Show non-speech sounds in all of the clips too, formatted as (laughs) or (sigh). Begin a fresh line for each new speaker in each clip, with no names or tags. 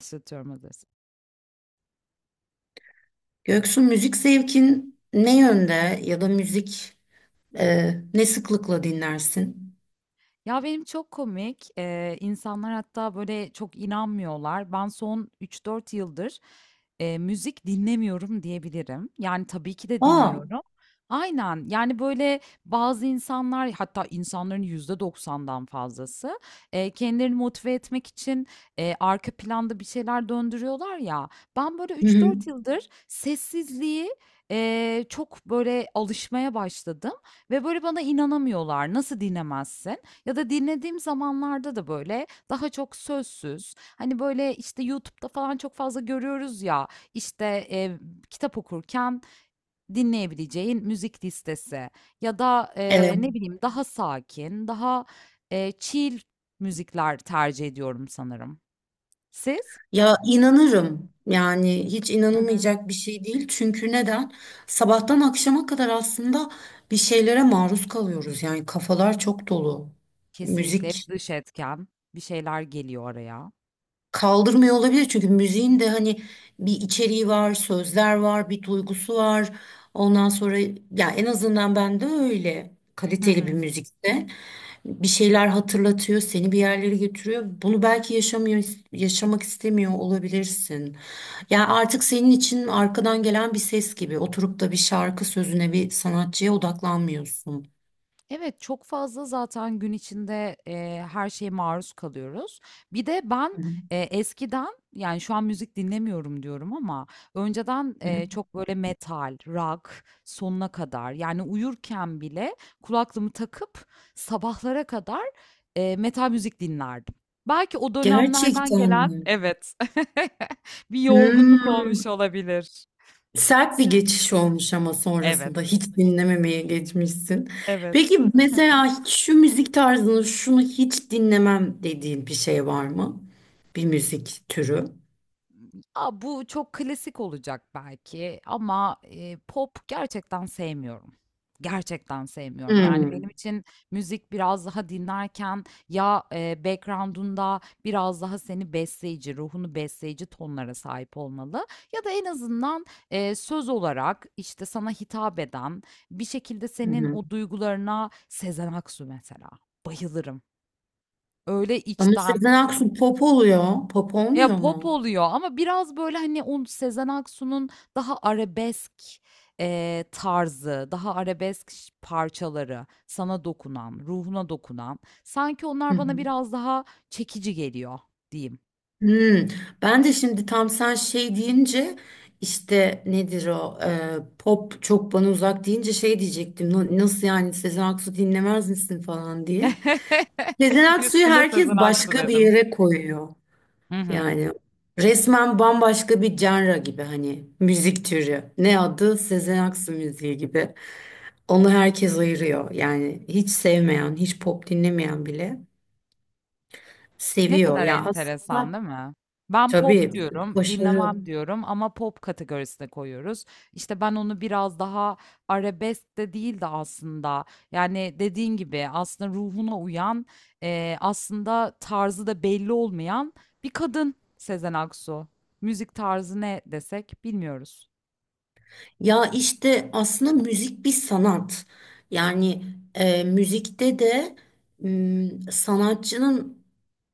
Başlatıyorum hazırsan.
Göksu, müzik zevkin ne yönde, ya da müzik ne sıklıkla dinlersin?
Ya, benim çok komik. İnsanlar hatta, böyle, çok inanmıyorlar. Ben son 3-4 yıldır, müzik dinlemiyorum diyebilirim. Yani, tabii ki de
Aa,
dinliyorum. Aynen. Yani, böyle, bazı insanlar, hatta insanların %90'dan fazlası, kendilerini motive etmek için, arka planda bir şeyler döndürüyorlar ya. Ben, böyle,
hı
üç
hı.
dört yıldır sessizliği, çok, böyle, alışmaya başladım ve, böyle, bana inanamıyorlar. "Nasıl dinlemezsin?" Ya da dinlediğim zamanlarda da böyle daha çok sözsüz. Hani böyle işte YouTube'da falan çok fazla görüyoruz ya işte e, kitap okurken dinleyebileceğin müzik listesi ya da
Evet.
ne bileyim daha sakin, daha chill müzikler tercih ediyorum sanırım. Siz?
Ya, inanırım. Yani hiç
Hı hı.
inanılmayacak bir şey değil. Çünkü neden? Sabahtan akşama kadar aslında bir şeylere maruz kalıyoruz. Yani kafalar çok dolu.
Kesinlikle hep
Müzik
dış etken bir şeyler geliyor araya.
kaldırmıyor olabilir. Çünkü müziğin de hani bir içeriği var, sözler var, bir duygusu var. Ondan sonra ya en azından ben de öyle
Hı
kaliteli bir
hı.
müzikte bir şeyler hatırlatıyor, seni bir yerlere götürüyor. Bunu belki yaşamıyor, yaşamak istemiyor olabilirsin. Yani artık senin için arkadan gelen bir ses gibi oturup da bir şarkı sözüne, bir sanatçıya odaklanmıyorsun.
Evet, çok fazla zaten gün içinde, her şeye maruz kalıyoruz. Bir de ben,
Hı
eskiden, yani, şu an müzik dinlemiyorum diyorum ama önceden,
hı.
çok böyle metal, rock sonuna kadar, yani, uyurken bile kulaklığımı takıp sabahlara kadar, metal müzik dinlerdim. Belki o dönemlerden
Gerçekten
gelen,
mi?
evet, (laughs) bir yorgunluk olmuş
Hmm.
olabilir.
Sert bir geçiş olmuş ama sonrasında
Evet,
hiç dinlememeye geçmişsin. Peki
evet.
mesela şu müzik tarzını, şunu hiç dinlemem dediğin bir şey var mı? Bir müzik türü.
A, bu çok klasik olacak belki ama, pop gerçekten sevmiyorum. Gerçekten sevmiyorum. Yani, benim
Hmm.
için müzik biraz daha dinlerken ya, background'unda biraz daha seni besleyici, ruhunu besleyici tonlara sahip olmalı ya da en azından, söz olarak, işte, sana hitap eden, bir şekilde
Hı
senin
hı.
o duygularına Sezen Aksu mesela, bayılırım. Öyle
Ama
içten
Sezen Aksu pop oluyor. Pop
ya,
olmuyor
pop
mu?
oluyor ama biraz, böyle, hani, o Sezen Aksu'nun daha arabesk, tarzı, daha arabesk parçaları, sana dokunan, ruhuna dokunan, sanki
Hı
onlar bana
hı.
biraz daha çekici geliyor diyeyim.
Hmm. Ben de şimdi tam sen şey deyince, işte nedir o pop çok bana uzak deyince şey diyecektim. "Na- Nasıl yani Sezen Aksu dinlemez misin" falan diye.
(laughs)
Sezen Aksu'yu
Üstüne
herkes
Sezen Aksu
başka bir
dedim.
yere koyuyor.
Hı hı.
Yani resmen bambaşka bir genre gibi, hani müzik türü. Ne adı? Sezen Aksu müziği gibi. Onu herkes ayırıyor. Yani hiç sevmeyen, hiç pop dinlemeyen bile
Ne
seviyor
kadar
ya
enteresan
aslında.
değil mi? Ben pop
Tabii,
diyorum,
başarı.
dinlemem diyorum ama pop kategorisine koyuyoruz. İşte ben onu biraz daha arabesk de değil de aslında yani dediğin gibi aslında ruhuna uyan aslında tarzı da belli olmayan bir kadın Sezen Aksu. Müzik tarzı ne desek bilmiyoruz.
Ya işte aslında müzik bir sanat. Yani müzikte de sanatçının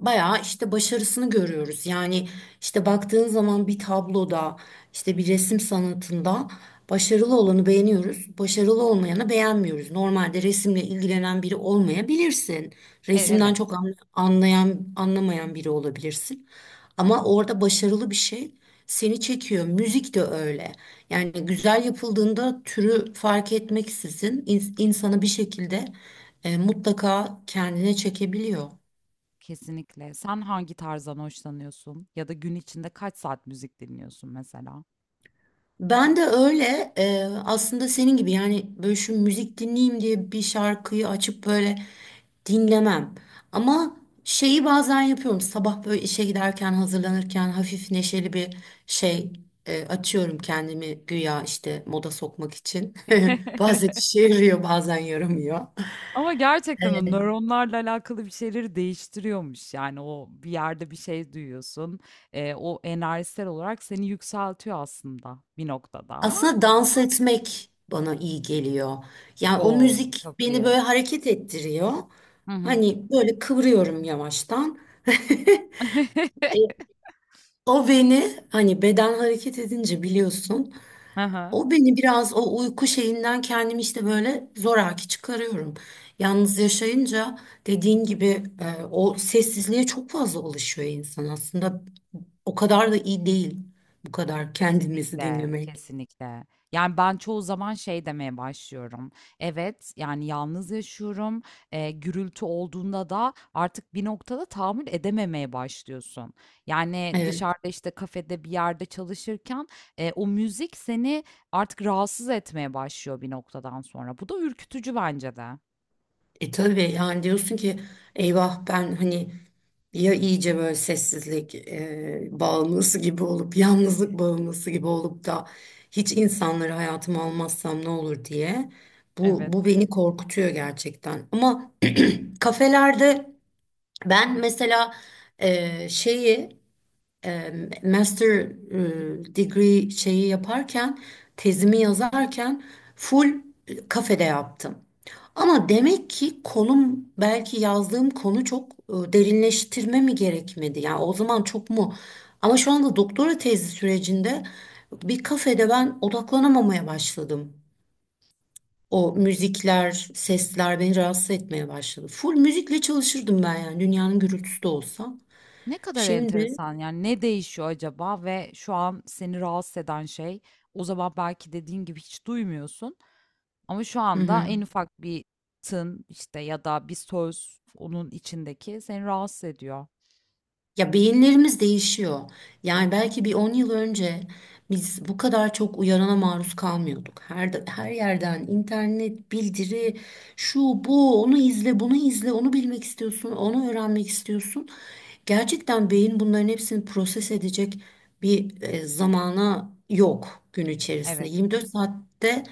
bayağı işte başarısını görüyoruz. Yani işte baktığın zaman bir tabloda, işte bir resim sanatında başarılı olanı beğeniyoruz. Başarılı olmayanı beğenmiyoruz. Normalde resimle ilgilenen biri olmayabilirsin.
E,
Resimden
evet,
çok anlayan anlamayan biri olabilirsin. Ama orada başarılı bir şey seni çekiyor. Müzik de öyle. Yani güzel yapıldığında türü fark etmeksizin insanı bir şekilde mutlaka kendine çekebiliyor.
kesinlikle. Sen hangi tarzdan hoşlanıyorsun ya da gün içinde kaç saat müzik dinliyorsun mesela?
Ben de öyle aslında senin gibi, yani böyle şu müzik dinleyeyim diye bir şarkıyı açıp böyle dinlemem. Ama şeyi bazen yapıyorum, sabah böyle işe giderken, hazırlanırken hafif neşeli bir şey açıyorum, kendimi güya işte moda sokmak için. (laughs) Bazen
(laughs)
işe yarıyor, bazen yaramıyor.
Ama gerçekten o nöronlarla alakalı bir şeyleri değiştiriyormuş. Yani o bir yerde bir şey duyuyorsun. O enerjisel olarak seni yükseltiyor aslında bir noktada ama.
Aslında dans etmek bana iyi geliyor. Yani o
Oo,
müzik
çok
beni
iyi.
böyle hareket ettiriyor.
Hı hı.
Hani böyle kıvırıyorum yavaştan. (laughs)
(laughs)
E, O beni, hani beden hareket edince biliyorsun.
Aha.
O beni biraz o uyku şeyinden, kendimi işte böyle zoraki çıkarıyorum. Yalnız yaşayınca, dediğin gibi o sessizliğe çok fazla alışıyor insan aslında. O kadar da iyi değil bu kadar kendimizi
Kesinlikle,
dinlemek.
kesinlikle. Yani ben çoğu zaman şey demeye başlıyorum. Evet, yani yalnız yaşıyorum. Gürültü olduğunda da artık bir noktada tahammül edememeye başlıyorsun. Yani
Evet.
dışarıda işte kafede bir yerde çalışırken o müzik seni artık rahatsız etmeye başlıyor bir noktadan sonra. Bu da ürkütücü bence de.
E, tabii, yani diyorsun ki eyvah, ben hani ya iyice böyle sessizlik bağımlısı gibi olup, yalnızlık bağımlısı gibi olup da hiç insanları hayatıma almazsam ne olur diye. Bu,
Evet.
bu beni korkutuyor gerçekten. Ama kafelerde, ben mesela şeyi e, master degree şeyi yaparken, tezimi yazarken full kafede yaptım. Ama demek ki konum, belki yazdığım konu çok derinleştirme mi gerekmedi? Yani o zaman çok mu? Ama şu anda doktora tezi sürecinde bir kafede ben odaklanamamaya başladım. O müzikler, sesler beni rahatsız etmeye başladı. Full müzikle çalışırdım ben, yani dünyanın gürültüsü de olsa.
Ne kadar
Şimdi
enteresan yani ne değişiyor acaba ve şu an seni rahatsız eden şey o zaman belki dediğin gibi hiç duymuyorsun. Ama şu
hı
anda
hı.
en ufak bir tın işte ya da bir söz onun içindeki seni rahatsız ediyor.
Ya, beyinlerimiz değişiyor. Yani belki bir 10 yıl önce biz bu kadar çok uyarana maruz kalmıyorduk. Her yerden internet, bildiri, şu bu, onu izle, bunu izle, onu bilmek istiyorsun, onu öğrenmek istiyorsun. Gerçekten beyin bunların hepsini proses edecek bir zamana yok gün içerisinde.
Evet.
24 saatte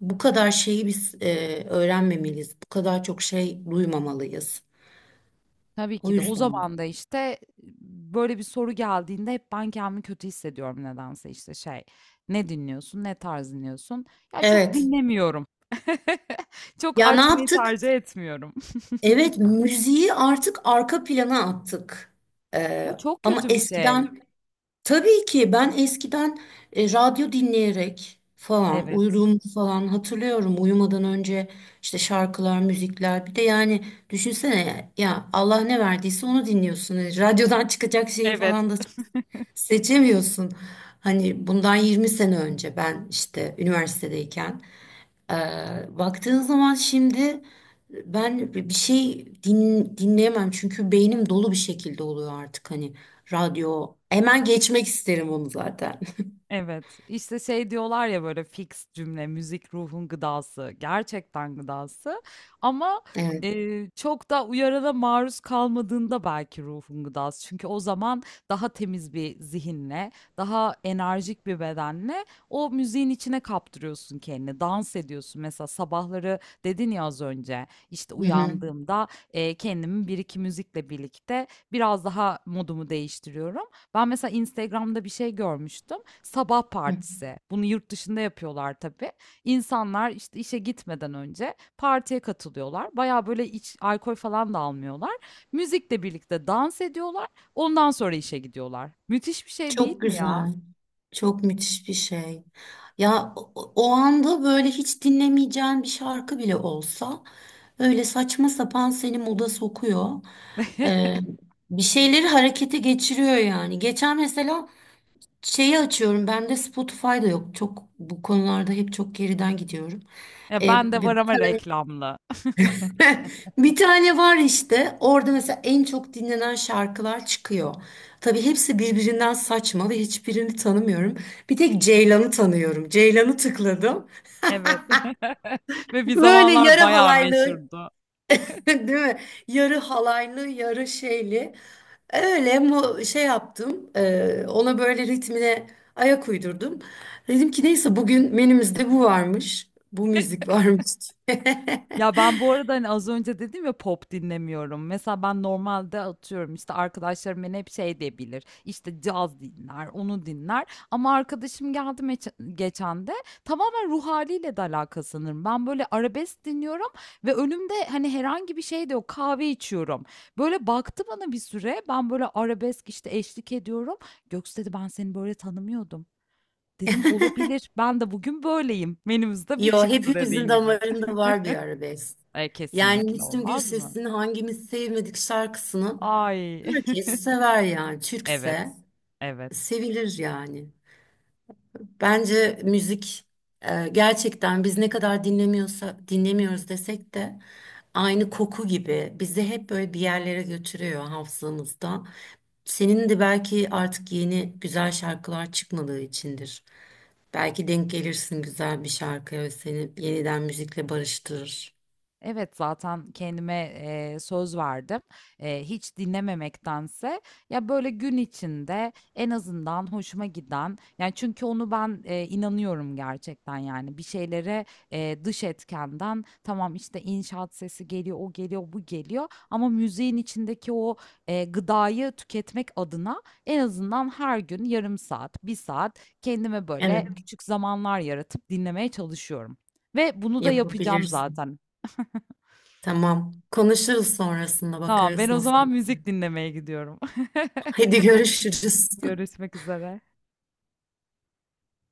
bu kadar şeyi biz öğrenmemeliyiz. Bu kadar çok şey duymamalıyız.
Tabii
O
ki de. O
yüzden.
zaman da, işte, böyle bir soru geldiğinde hep ben kendimi kötü hissediyorum nedense. İşte şey, "Ne dinliyorsun? Ne tarz dinliyorsun?" Ya, çok
Evet.
dinlemiyorum. (laughs) Çok
Ya, ne
açmayı
yaptık?
tercih etmiyorum. (laughs)
Evet, müziği artık arka plana attık.
Bu
Ee,
çok
Ama
kötü bir şey.
eskiden, tabii ki ben eskiden radyo dinleyerek falan
Evet.
uyuduğumu falan hatırlıyorum. Uyumadan önce işte şarkılar, müzikler. Bir de yani düşünsene, ya Allah ne verdiyse onu dinliyorsun. E, radyodan çıkacak şeyi
Evet.
falan da seçemiyorsun. Hani bundan 20 sene önce ben işte üniversitedeyken. Baktığın zaman şimdi ben bir şey dinleyemem çünkü beynim dolu bir şekilde oluyor artık, hani radyo. Hemen geçmek isterim onu zaten. (laughs)
Evet, işte şey diyorlar ya böyle fix cümle, müzik ruhun gıdası, gerçekten gıdası ama
Evet.
çok da uyarana maruz kalmadığında belki ruhun gıdası. Çünkü o zaman daha temiz bir zihinle, daha enerjik bir bedenle o müziğin içine kaptırıyorsun kendini, dans ediyorsun. Mesela sabahları dedin ya az önce, işte
Hı hı.
uyandığımda kendimi bir iki müzikle birlikte biraz daha modumu değiştiriyorum. Ben mesela Instagram'da bir şey görmüştüm sabah
Hı.
partisi. Bunu yurt dışında yapıyorlar tabii. İnsanlar işte işe gitmeden önce partiye katılıyorlar. Baya böyle iç alkol falan da almıyorlar. Müzikle birlikte dans ediyorlar. Ondan sonra işe gidiyorlar. Müthiş bir şey değil
Çok
mi ya?
güzel. Çok müthiş bir şey. Ya o, o anda böyle hiç dinlemeyeceğin bir şarkı bile olsa, öyle saçma sapan seni moda sokuyor. Ee,
(laughs)
Bir şeyleri harekete geçiriyor yani. Geçen mesela şeyi açıyorum. Bende Spotify'da yok. Çok bu konularda hep çok geriden gidiyorum.
Ya ben
E,
de
bir,
var ama reklamlı.
(laughs) bir tane var işte. Orada mesela en çok dinlenen şarkılar çıkıyor. Tabii hepsi birbirinden saçma ve hiçbirini tanımıyorum. Bir tek Ceylan'ı tanıyorum. Ceylan'ı tıkladım.
Evet. (laughs) Ve bir
Böyle
zamanlar
yarı
bayağı
halaylı,
meşhurdu.
(laughs) değil mi? Yarı halaylı, yarı şeyli. Öyle mu şey yaptım. Ona böyle ritmine ayak uydurdum. Dedim ki neyse, bugün menümüzde bu varmış. Bu müzik varmış.
Ya ben bu arada hani az önce dedim ya pop dinlemiyorum. Mesela ben normalde atıyorum işte arkadaşlarım beni hep şey diyebilir. İşte caz dinler, onu dinler. Ama arkadaşım geldi geçen de tamamen ruh haliyle de alakalı sanırım. Ben böyle arabesk dinliyorum ve önümde hani herhangi bir şey de yok. Kahve içiyorum. Böyle baktı bana bir süre. Ben böyle arabesk işte eşlik ediyorum. Göksu dedi ben seni böyle tanımıyordum. Dedim olabilir. Ben de bugün böyleyim.
(laughs)
Menümüzde bu
Yo,
çıktı
hepimizin
dediğin gibi.
damarında var bir arabesk.
E,
Yani
kesinlikle
Müslüm
olmaz mı?
Gürses'in hangimiz sevmedik şarkısını,
Ay. (laughs)
herkes sever yani. Türkse
Evet. Evet.
sevilir yani. Bence müzik gerçekten biz ne kadar dinlemiyorsa dinlemiyoruz desek de aynı koku gibi bizi hep böyle bir yerlere götürüyor hafızamızda. Senin de belki artık yeni güzel şarkılar çıkmadığı içindir. Belki denk gelirsin güzel bir şarkıya ve seni yeniden müzikle barıştırır.
Evet, zaten kendime, söz verdim. Hiç dinlememektense ya, böyle, gün içinde en azından hoşuma giden, yani, çünkü onu ben, inanıyorum gerçekten, yani, bir şeylere, dış etkenden tamam, işte, inşaat sesi geliyor, o geliyor, bu geliyor ama müziğin içindeki o, gıdayı tüketmek adına en azından her gün yarım saat, bir saat kendime, böyle,
Evet,
küçük zamanlar yaratıp dinlemeye çalışıyorum ve bunu da yapacağım
yapabilirsin.
zaten.
Tamam. Konuşuruz sonrasında,
Tamam, ben
bakarız
o zaman
nasıl.
müzik dinlemeye gidiyorum. (laughs)
Hadi, görüşürüz. (laughs)
Görüşmek üzere.